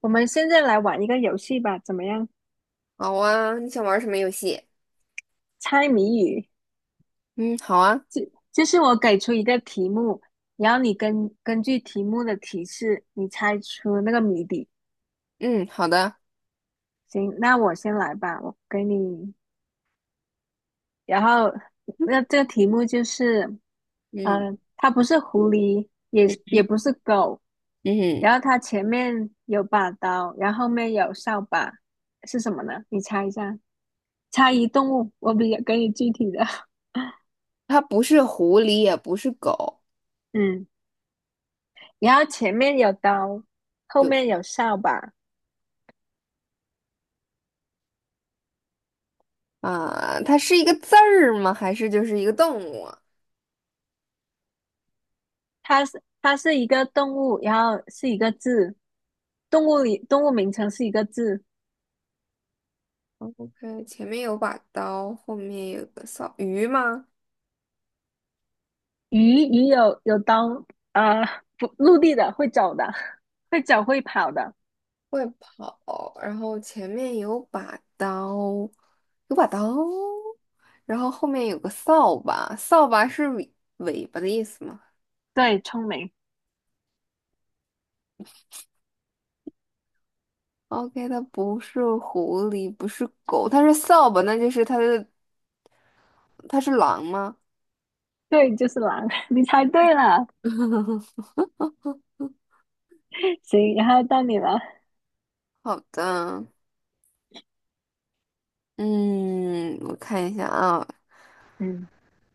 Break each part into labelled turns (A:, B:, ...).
A: 我们现在来玩一个游戏吧，怎么样？
B: 好啊，你想玩什么游戏？
A: 猜谜语，
B: 嗯，好啊。
A: 就就是我给出一个题目，然后你根据题目的提示，你猜出那个谜底。
B: 嗯，好的。
A: 行，那我先来吧，我给你。然后，那这个题目就是，
B: 嗯
A: 它不是狐狸，也不是狗，
B: 嗯，
A: 然后它前面有把刀，然后后面有扫把，是什么呢？你猜一下，猜一动物，我比较给你具体的。
B: 它不是狐狸，也不是狗。
A: 嗯。然后前面有刀，后
B: 就
A: 面有扫把。
B: 它是一个字儿吗？还是就是一个动物啊
A: 它是一个动物，然后是一个字，动物里动物名称是一个字。
B: ？OK，前面有把刀，后面有个扫鱼吗？
A: 鱼有刀，呃，不，陆地的会走的，会走会跑的。
B: 会跑，然后前面有把刀，有把刀，然后后面有个扫把，扫把是尾巴的意思吗？
A: 对，聪明，
B: OK，它不是狐狸，不是狗，它是扫把，那就是它的，它是狼吗？
A: 对，就是狼，你猜对了。行，然后到你了。
B: 好的。嗯，我看一下啊。
A: 嗯，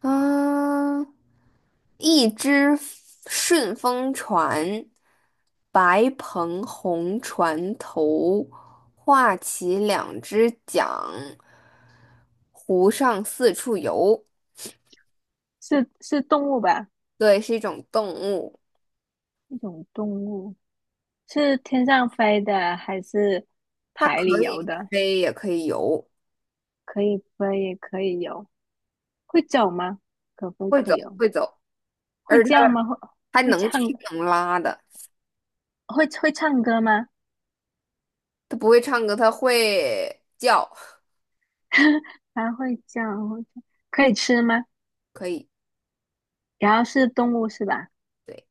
B: 啊，一只顺风船，白篷红船头，画起两只桨，湖上四处游。
A: 是动物吧？
B: 对，是一种动物。
A: 一种动物是天上飞的还是
B: 它
A: 海里
B: 可
A: 游
B: 以
A: 的？
B: 飞，也可以游。
A: 可以飞也可以游。会走吗？可不
B: 会
A: 可
B: 走，
A: 以哦？
B: 会走。
A: 会
B: 而且
A: 叫
B: 他
A: 吗？
B: 还
A: 会
B: 能
A: 唱
B: 吃能拉的。
A: 会唱歌吗？
B: 他不会唱歌，他会叫。
A: 还会叫，会叫可以吃吗？
B: 可以。
A: 然后是动物是吧？
B: 对，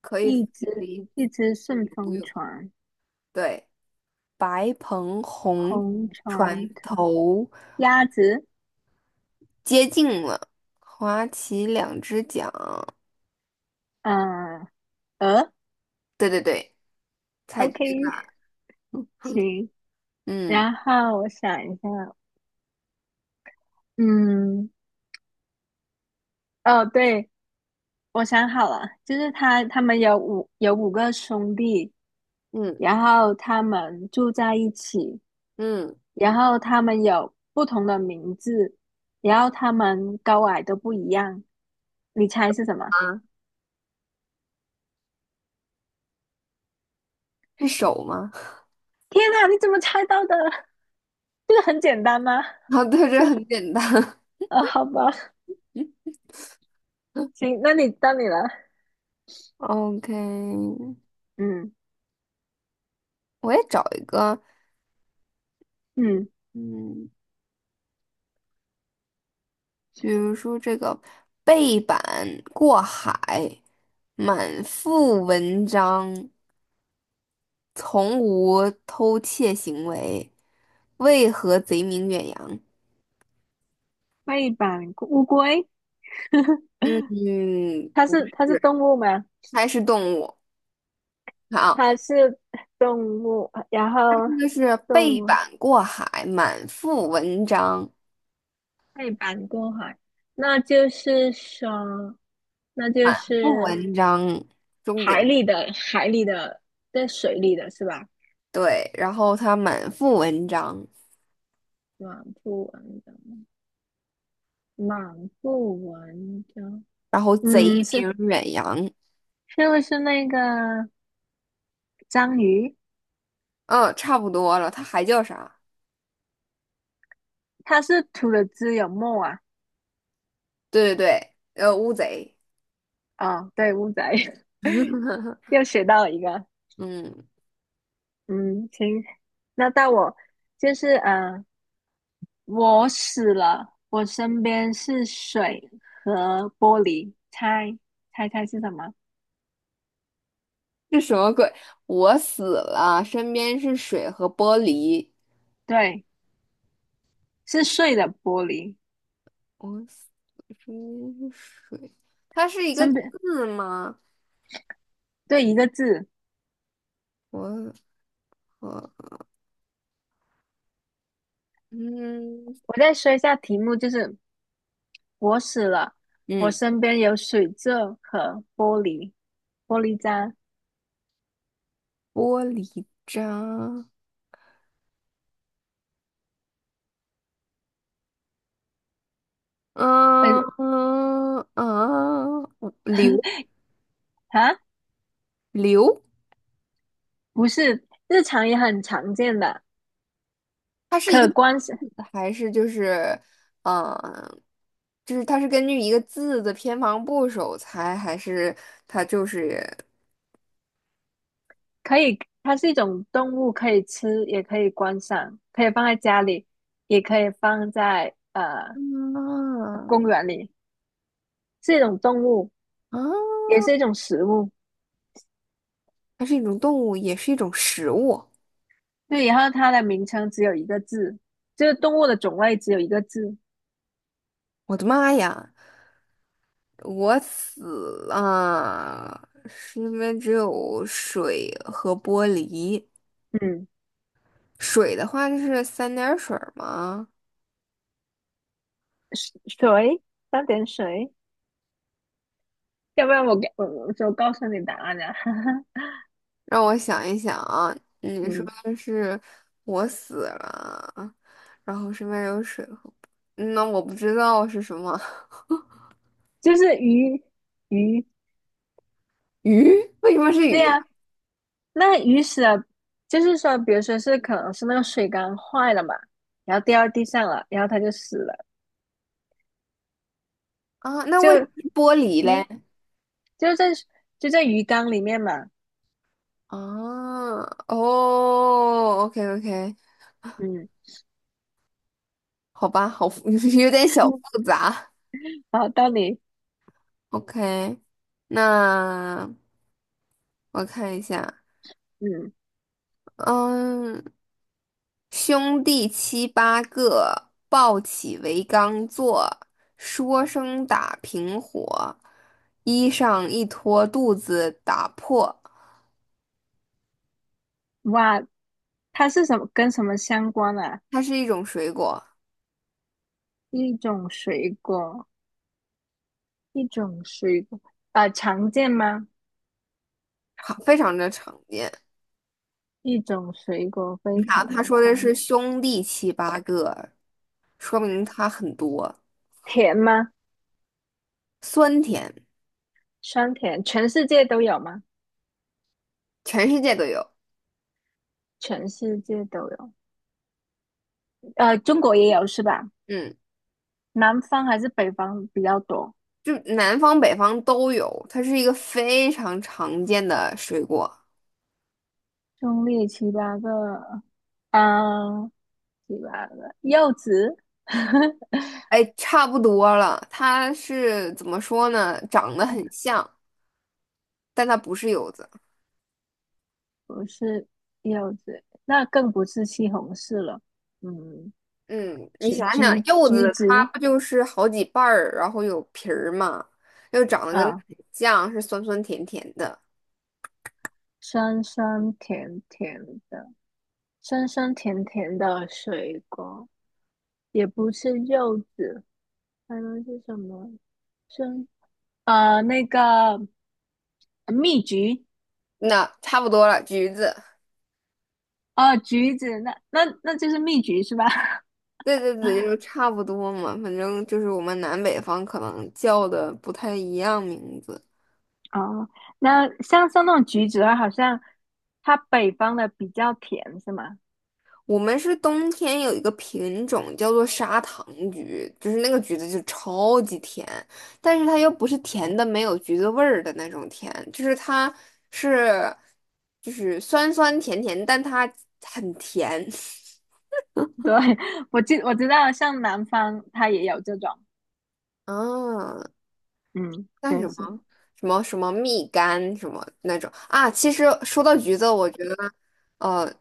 B: 可以，
A: 一
B: 可
A: 只
B: 以
A: 一只顺
B: 游
A: 风
B: 泳。
A: 船，
B: 对。白鹏红
A: 红
B: 船
A: 船头，
B: 头
A: 鸭子，
B: 接近了，划起两只桨。
A: 呃，鹅
B: 对对对，猜
A: ，OK，
B: 对了。
A: 行。
B: 嗯
A: 然后我想一下，嗯，哦，对，我想好了，就是他们有五个兄弟，
B: 嗯
A: 然后他们住在一起。
B: 嗯。
A: 然后它们有不同的名字，然后它们高矮都不一样。你猜是什么？
B: 啊，是手吗？
A: 天哪，你怎么猜到的？这个很简单吗？
B: 啊，对，
A: 就
B: 这很简单。
A: 啊，哦好吧，行，那你到你了。
B: OK，
A: 嗯
B: 我也找一个。
A: 嗯，
B: 嗯，比如说这个背板过海，满腹文章，从无偷窃行为，为何贼名远扬？
A: 背板乌龟，
B: 嗯，嗯，
A: 它
B: 不
A: 是
B: 是，
A: 它是动物吗？
B: 还是动物。好，
A: 它是动物，然后
B: 这个是
A: 动
B: 背
A: 物
B: 板过海，满腹文章，
A: 背板过海，那就是说，那就
B: 腹
A: 是。
B: 文章，重
A: 海
B: 点
A: 里的海里的，在水里的是吧？
B: 对，然后他满腹文章，
A: 满不文章，满不文章，
B: 然后贼
A: 嗯，是
B: 名远扬。
A: 是不是那个章鱼？
B: 嗯，差不多了，他还叫啥？
A: 它是吐了汁有沫啊？
B: 对对对，乌贼。
A: 哦，对，乌贼 又学到了一个，
B: 嗯，
A: 嗯，行，那到我就是我死了，我身边是水和玻璃，猜是什么？
B: 这什么鬼？我死了，身边是水和玻璃。
A: 对，是碎的玻璃，
B: 我死了，身边是水。它是一个
A: 身边
B: 字吗？
A: 对一个字。
B: 我和嗯
A: 我再说一下题目，就是我死了，我
B: 嗯，
A: 身边有水渍和玻璃玻璃渣，
B: 玻璃渣。嗯
A: 嗯、
B: 嗯嗯，流
A: 啊，
B: 流，
A: 不是，日常也很常见的，
B: 它是一个
A: 可
B: 字
A: 观赏，
B: 还是就是嗯，就是它是根据一个字的偏旁部首猜，还是它就是？
A: 可以，它是一种动物，可以吃，也可以观赏，可以放在家里，也可以放在
B: 嗯，
A: 公园里，是一种动物，也
B: 啊，
A: 是一种食物。
B: 它是一种动物，也是一种食物。
A: 对，然后它的名称只有一个字，就是动物的种类只有一个字，
B: 我的妈呀，我死了！身边只有水和玻璃。
A: 嗯，
B: 水的话就是三点水儿吗？
A: 水，三点水。要不然我给我我就告诉你答案哈。
B: 让我想一想啊。你说
A: 嗯，
B: 是我死了，然后身边有水和……嗯那我不知道是什么。
A: 就是鱼，
B: 鱼，为什么是
A: 对
B: 鱼
A: 呀、那鱼死了，就是说，比如说是可能是那个水缸坏了嘛，然后掉到地上了，然后它就死了，
B: 啊？啊那
A: 就
B: 为什么是玻璃嘞？
A: 嗯，就在就在鱼缸里面嘛，
B: 啊，哦，OK OK。
A: 嗯，
B: 好吧，好复 有点小复 杂。
A: 然后到底
B: OK，那我看一下。
A: 嗯，
B: 嗯，兄弟七八个，抱起为缸坐，说声打平伙，衣裳一脱肚子打破。
A: 哇，它是什么跟什么相关啊？
B: 它是一种水果，
A: 一种水果，一种水果，啊、常见吗？
B: 常非常的常见。
A: 一种水果
B: 你
A: 非
B: 看啊，
A: 常
B: 他
A: 的
B: 说的
A: 常
B: 是
A: 见
B: 兄弟七八个，说明它很多。
A: 甜吗？
B: 酸甜，
A: 酸甜，全世界都有吗？
B: 全世界都有。
A: 全世界都有，中国也有是吧？
B: 嗯。
A: 南方还是北方比较多？
B: 就南方北方都有，它是一个非常常见的水果。
A: 中立七八个，啊，七八个柚子，
B: 哎，差不多了，它是怎么说呢？长得
A: 哎呀，
B: 很像，但它不是柚子。
A: 不是柚子，那更不是西红柿了，嗯，
B: 嗯，你想想，柚
A: 橘
B: 子它
A: 子
B: 不就是好几瓣儿，然后有皮儿嘛，又长得跟
A: 啊，
B: 很像，是酸酸甜甜的。
A: 酸酸甜甜的，酸酸甜甜的水果，也不是柚子，还能是什么？酸。那个蜜橘，
B: 那差不多了，橘子。
A: 哦，橘子，那就是蜜橘是吧？
B: 对对对，就是 差不多嘛，反正就是我们南北方可能叫的不太一样名字。
A: 哦，那像那种橘子的话，好像它北方的比较甜，是吗？
B: 我们是冬天有一个品种叫做砂糖橘，就是那个橘子就超级甜，但是它又不是甜的没有橘子味儿的那种甜，就是它是就是酸酸甜甜，但它很甜。
A: 对，我知道，像南方它也有这种，
B: 啊，
A: 嗯，
B: 那
A: 真
B: 什么
A: 是。
B: 什么蜜柑什么那种啊。其实说到橘子，我觉得呃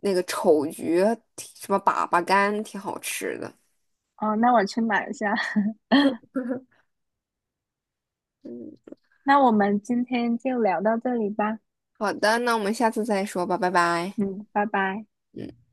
B: 那个丑橘挺什么粑粑柑挺好吃的。
A: 哦，那我去买一下。
B: 嗯，
A: 那我们今天就聊到这里吧，
B: 好的，那我们下次再说吧，拜拜。
A: 嗯，拜拜。
B: 也